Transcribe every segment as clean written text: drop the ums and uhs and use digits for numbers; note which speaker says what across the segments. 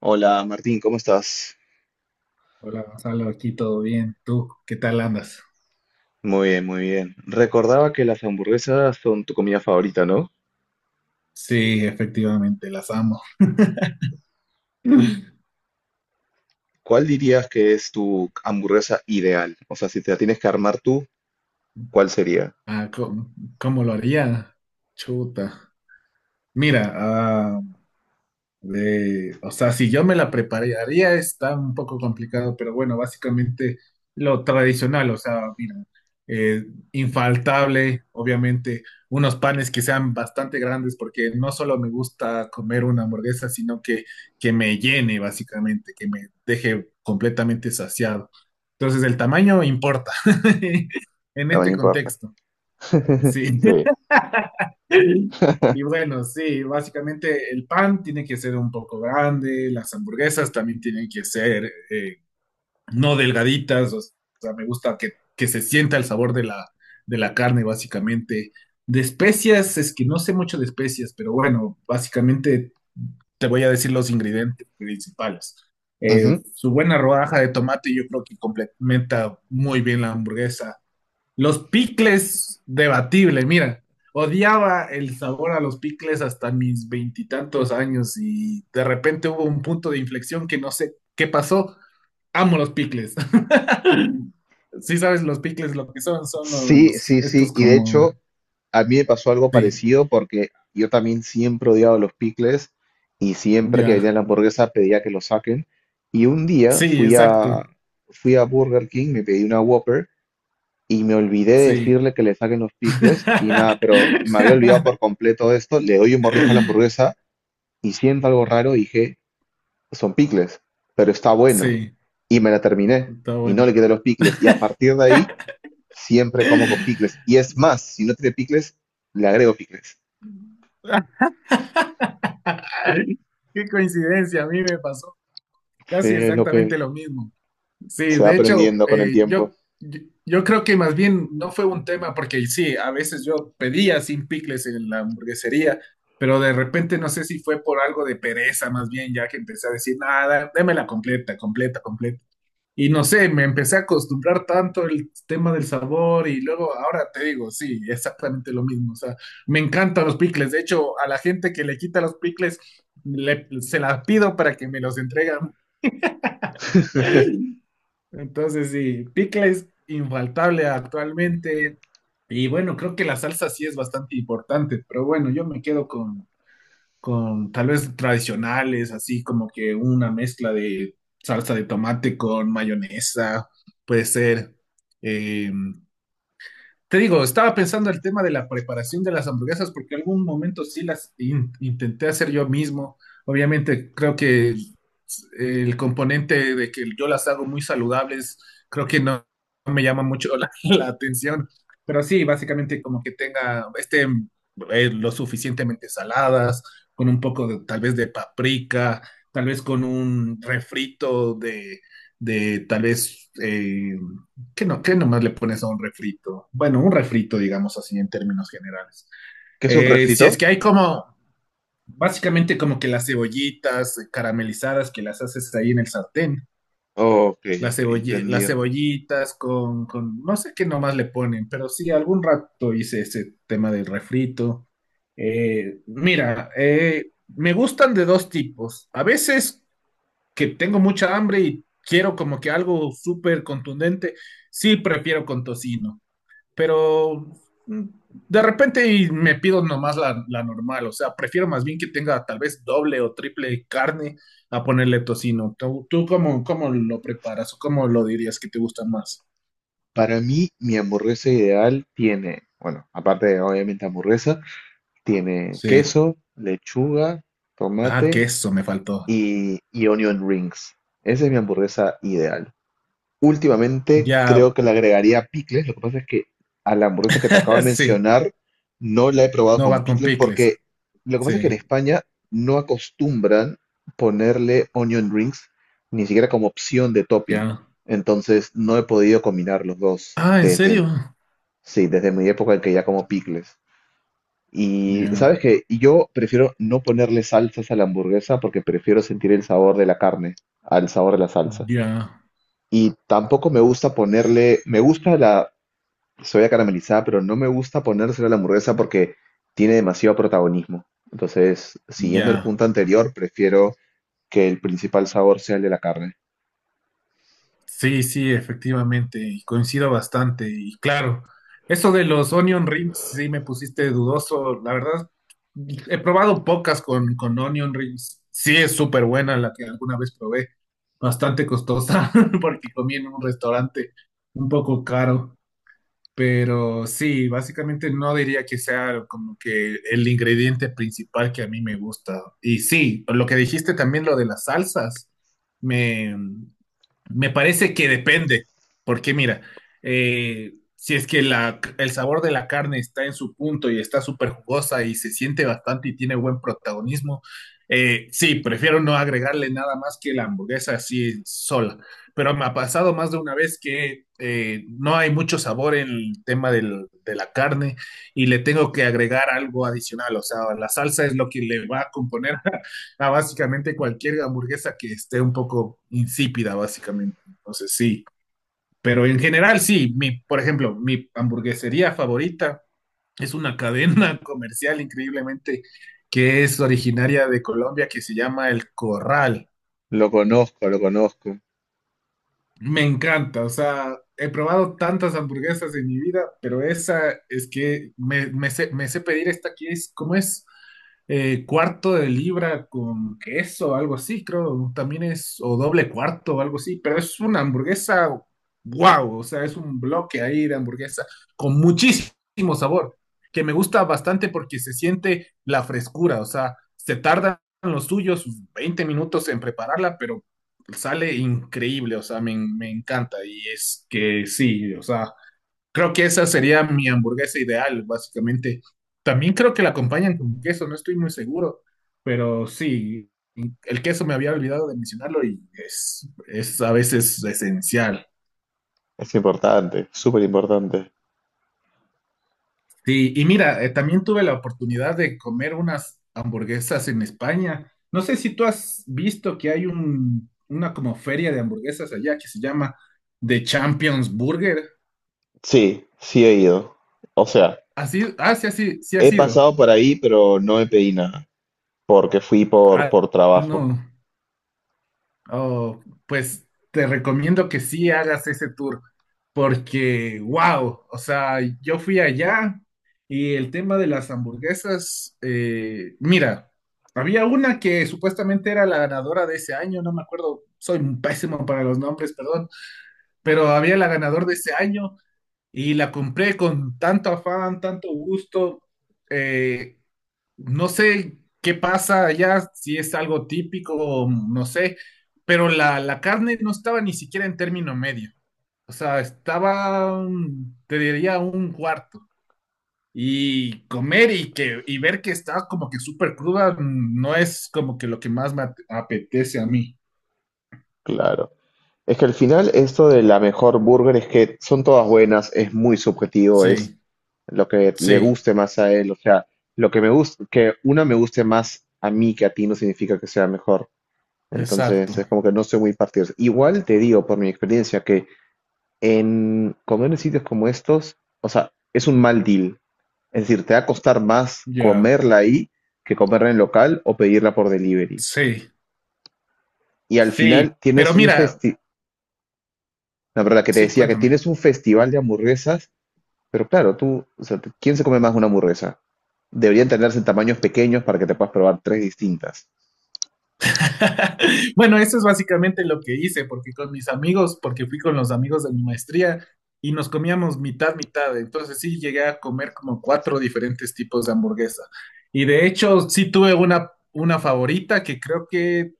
Speaker 1: Hola Martín, ¿cómo estás?
Speaker 2: Hola Gonzalo, aquí todo bien. ¿Tú qué tal andas?
Speaker 1: Muy bien, muy bien. Recordaba que las hamburguesas son tu comida favorita, ¿no?
Speaker 2: Sí, efectivamente, las amo.
Speaker 1: ¿Cuál dirías que es tu hamburguesa ideal? O sea, si te la tienes que armar tú, ¿cuál sería?
Speaker 2: ¿Cómo, cómo lo haría? Chuta. Mira, si yo me la prepararía está un poco complicado, pero bueno, básicamente lo tradicional, o sea, mira, eh, infaltable, obviamente, unos panes que sean bastante grandes, porque no solo me gusta comer una hamburguesa, sino que me llene, básicamente, que me deje completamente saciado. Entonces, el tamaño importa en
Speaker 1: Tamaño
Speaker 2: este
Speaker 1: importa.
Speaker 2: contexto, sí.
Speaker 1: Sí.
Speaker 2: Y bueno, sí, básicamente el pan tiene que ser un poco grande, las hamburguesas también tienen que ser no delgaditas, o sea, me gusta que se sienta el sabor de la carne, básicamente. De especias, es que no sé mucho de especias, pero bueno, básicamente te voy a decir los ingredientes principales.
Speaker 1: Ujú.
Speaker 2: Su buena rodaja de tomate yo creo que complementa muy bien la hamburguesa, los picles, debatible, mira. Odiaba el sabor a los picles hasta mis veintitantos años y de repente hubo un punto de inflexión que no sé qué pasó. Amo los picles. Sí sabes los picles lo que son, son
Speaker 1: Sí,
Speaker 2: los,
Speaker 1: sí, sí.
Speaker 2: estos
Speaker 1: Y de
Speaker 2: como,
Speaker 1: hecho, a mí me pasó algo
Speaker 2: sí,
Speaker 1: parecido porque yo también siempre odiaba los picles y siempre que venía
Speaker 2: ya.
Speaker 1: la hamburguesa pedía que lo saquen. Y un día
Speaker 2: Sí, exacto.
Speaker 1: fui a Burger King, me pedí una Whopper y me olvidé de
Speaker 2: Sí.
Speaker 1: decirle que le saquen los picles y nada, pero me había olvidado por completo de esto. Le doy un mordisco a la hamburguesa y siento algo raro y dije, son picles, pero está bueno.
Speaker 2: Sí,
Speaker 1: Y me la terminé
Speaker 2: está
Speaker 1: y no le
Speaker 2: bueno.
Speaker 1: quedé los picles. Y a partir de ahí, siempre como con picles. Y es más, si no tiene picles, le agrego picles.
Speaker 2: Qué coincidencia, a mí me pasó
Speaker 1: Sí,
Speaker 2: casi
Speaker 1: es lo
Speaker 2: exactamente
Speaker 1: que
Speaker 2: lo mismo. Sí,
Speaker 1: se va
Speaker 2: de hecho,
Speaker 1: aprendiendo con el
Speaker 2: eh,
Speaker 1: tiempo.
Speaker 2: yo, yo, yo creo que más bien no fue un tema porque sí, a veces yo pedía sin picles en la hamburguesería, pero de repente no sé si fue por algo de pereza más bien, ya que empecé a decir, nada, démela completa, completa, completa. Y no sé, me empecé a acostumbrar tanto el tema del sabor y luego ahora te digo, sí, exactamente lo mismo. O sea, me encantan los picles. De hecho, a la gente que le quita los picles, se las pido para que me los entregan. Entonces, sí, picles infaltable actualmente. Y bueno, creo que la salsa sí es bastante importante, pero bueno, yo me quedo con tal vez tradicionales, así como que una mezcla de salsa de tomate con mayonesa, puede ser. eh, Te digo, estaba pensando el tema de la preparación de las hamburguesas porque algún momento sí las intenté hacer yo mismo. Obviamente creo que el componente de que yo las hago muy saludables, creo que no me llama mucho la, la atención. Pero sí, básicamente como que tenga, estén lo suficientemente saladas, con un poco de- tal vez de paprika, tal vez con un refrito de tal vez... ¿Qué no, qué nomás le pones a un refrito? Bueno, un refrito, digamos así, en términos generales.
Speaker 1: ¿Qué es un
Speaker 2: Si es
Speaker 1: refrito?
Speaker 2: que hay como, básicamente como que las cebollitas caramelizadas que las haces ahí en el sartén,
Speaker 1: Ok,
Speaker 2: las,
Speaker 1: ok,
Speaker 2: las
Speaker 1: entendido.
Speaker 2: cebollitas con, no sé qué nomás le ponen, pero sí, algún rato hice ese tema del refrito. Mira, me gustan de dos tipos. A veces que tengo mucha hambre y quiero como que algo súper contundente, sí prefiero con tocino, pero mm, de repente y me pido nomás la, la normal, o sea, prefiero más bien que tenga tal vez doble o triple carne a ponerle tocino. ¿Tú, tú cómo, cómo lo preparas o cómo lo dirías que te gusta más?
Speaker 1: Para mí, mi hamburguesa ideal tiene, bueno, aparte de obviamente hamburguesa, tiene
Speaker 2: Sí.
Speaker 1: queso, lechuga,
Speaker 2: Ah,
Speaker 1: tomate
Speaker 2: queso me faltó.
Speaker 1: y onion rings. Esa es mi hamburguesa ideal. Últimamente
Speaker 2: Ya,
Speaker 1: creo que le agregaría picles. Lo que pasa es que a la hamburguesa que te acabo de
Speaker 2: sí,
Speaker 1: mencionar no la he probado
Speaker 2: no
Speaker 1: con
Speaker 2: va con
Speaker 1: picles
Speaker 2: picles.
Speaker 1: porque lo que pasa es que en
Speaker 2: Sí,
Speaker 1: España no acostumbran ponerle onion rings ni siquiera como opción de topping.
Speaker 2: ya.
Speaker 1: Entonces no he podido combinar los dos
Speaker 2: Ah, ¿en serio?
Speaker 1: sí, desde mi época en que ya como picles. Y sabes
Speaker 2: Ya,
Speaker 1: que yo prefiero no ponerle salsas a la hamburguesa porque prefiero sentir el sabor de la carne al sabor de la salsa.
Speaker 2: ya,
Speaker 1: Y tampoco me gusta ponerle, me gusta la soya caramelizada, pero no me gusta ponérsela a la hamburguesa porque tiene demasiado protagonismo. Entonces, siguiendo el
Speaker 2: ya.
Speaker 1: punto anterior, prefiero que el principal sabor sea el de la carne.
Speaker 2: Sí, sí, efectivamente, y coincido bastante. Y claro, eso de los onion rings, sí me pusiste dudoso. La verdad, he probado pocas con onion rings. Sí, es súper buena la que alguna vez probé. Bastante costosa, porque comí en un restaurante un poco caro. Pero sí, básicamente no diría que sea como que el ingrediente principal que a mí me gusta. Y sí, lo que dijiste también, lo de las salsas. Me, me parece que depende, porque mira, si es que el sabor de la carne está en su punto y está súper jugosa y se siente bastante y tiene buen protagonismo, sí, prefiero no agregarle nada más que la hamburguesa así sola. Pero me ha pasado más de una vez que no hay mucho sabor en el tema de la carne y le tengo que agregar algo adicional, o sea, la salsa es lo que le va a componer a básicamente cualquier hamburguesa que esté un poco insípida, básicamente. Entonces, sí. Pero en general, sí. Mi, por ejemplo, mi hamburguesería favorita es una cadena comercial increíblemente que es originaria de Colombia que se llama El Corral.
Speaker 1: Lo conozco, lo conozco.
Speaker 2: Me encanta, o sea, he probado tantas hamburguesas en mi vida, pero esa es que me, me sé pedir esta que es, ¿cómo es? Cuarto de libra con queso, algo así, creo, también es, o doble cuarto, algo así, pero es una hamburguesa, wow, o sea, es un bloque ahí de hamburguesa con muchísimo sabor, que me gusta bastante porque se siente la frescura, o sea, se tardan los suyos 20 minutos en prepararla, pero sale increíble, o sea, me encanta. Y es que sí, o sea, creo que esa sería mi hamburguesa ideal, básicamente. También creo que la acompañan con queso, no estoy muy seguro, pero sí, el queso me había olvidado de mencionarlo y es a veces esencial.
Speaker 1: Es importante, súper importante.
Speaker 2: Sí, y mira, también tuve la oportunidad de comer unas hamburguesas en España. No sé si tú has visto que hay un, una como feria de hamburguesas allá que se llama The Champions Burger.
Speaker 1: Sí, sí he ido. O sea,
Speaker 2: Así, ah, sí, así, sí ha
Speaker 1: he
Speaker 2: sido.
Speaker 1: pasado por ahí, pero no me pedí nada. Porque
Speaker 2: Ah,
Speaker 1: por trabajo,
Speaker 2: no. Oh, pues te recomiendo que sí hagas ese tour, porque, wow, o sea, yo fui allá y el tema de las hamburguesas, mira, había una que supuestamente era la ganadora de ese año, no me acuerdo, soy pésimo para los nombres, perdón, pero había la ganadora de ese año. Y la compré con tanto afán, tanto gusto. eh, no sé qué pasa allá, si es algo típico, o no sé, pero la carne no estaba ni siquiera en término medio. O sea, estaba, te diría, un cuarto. Y comer y, que, y ver que está como que súper cruda, no es como que lo que más me apetece a mí.
Speaker 1: claro. Es que al final esto de la mejor burger es que son todas buenas, es muy subjetivo, es
Speaker 2: Sí,
Speaker 1: lo que le
Speaker 2: sí,
Speaker 1: guste más a él, o sea, lo que me gusta, que una me guste más a mí que a ti no significa que sea mejor.
Speaker 2: exacto.
Speaker 1: Entonces es como que no soy muy partidario. Igual te digo por mi experiencia que en comer en sitios como estos, o sea, es un mal deal. Es decir, te va a costar más
Speaker 2: Ya,
Speaker 1: comerla ahí que comerla en local o pedirla por delivery.
Speaker 2: sí,
Speaker 1: Y al
Speaker 2: sí.
Speaker 1: final tienes
Speaker 2: Pero
Speaker 1: un
Speaker 2: mira,
Speaker 1: festival, la verdad que te
Speaker 2: sí,
Speaker 1: decía que
Speaker 2: cuéntame.
Speaker 1: tienes un festival de hamburguesas, pero claro, tú, o sea, te- ¿quién se come más una hamburguesa? Deberían tenerse en tamaños pequeños para que te puedas probar tres distintas.
Speaker 2: Bueno, eso es básicamente lo que hice, porque con mis amigos, porque fui con los amigos de mi maestría y nos comíamos mitad, mitad. Entonces sí llegué a comer como cuatro diferentes tipos de hamburguesa. Y de hecho sí tuve una favorita que creo que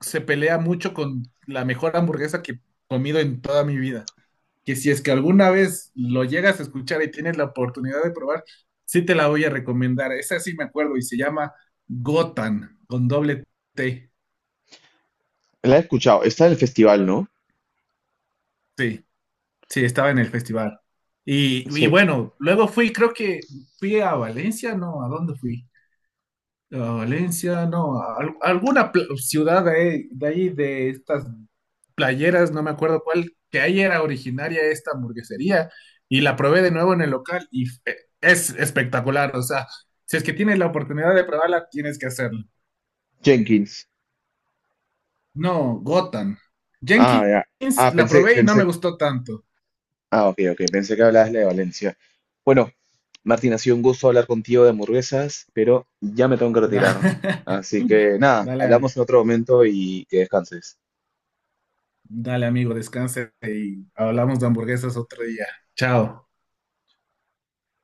Speaker 2: se pelea mucho con la mejor hamburguesa que he comido en toda mi vida. Que si es que alguna vez lo llegas a escuchar y tienes la oportunidad de probar, sí te la voy a recomendar. Esa sí me acuerdo y se llama Gotan con doble T.
Speaker 1: La he escuchado, está en el festival, ¿no?
Speaker 2: Sí. Sí, estaba en el festival. Y
Speaker 1: Sí.
Speaker 2: bueno, luego fui, creo que fui a Valencia, ¿no? ¿A dónde fui? A Valencia, no, a alguna ciudad de, ahí, de ahí, de estas playeras, no me acuerdo cuál, que ahí era originaria esta hamburguesería y la probé de nuevo en el local y es espectacular, o sea, si es que tienes la oportunidad de probarla, tienes que hacerlo.
Speaker 1: Jenkins.
Speaker 2: No, Gotham.
Speaker 1: Ah, ya.
Speaker 2: Jenkins
Speaker 1: Ah,
Speaker 2: la probé y no me
Speaker 1: pensé.
Speaker 2: gustó tanto.
Speaker 1: Ah, ok, ok, pensé que hablabas de Valencia. Bueno, Martín, ha sido un gusto hablar contigo de hamburguesas, pero ya me tengo que
Speaker 2: Da-
Speaker 1: retirar. Así que nada,
Speaker 2: Dale.
Speaker 1: hablamos en otro momento y que descanses.
Speaker 2: Dale, amigo, descanse y hablamos de hamburguesas otro día. Chao.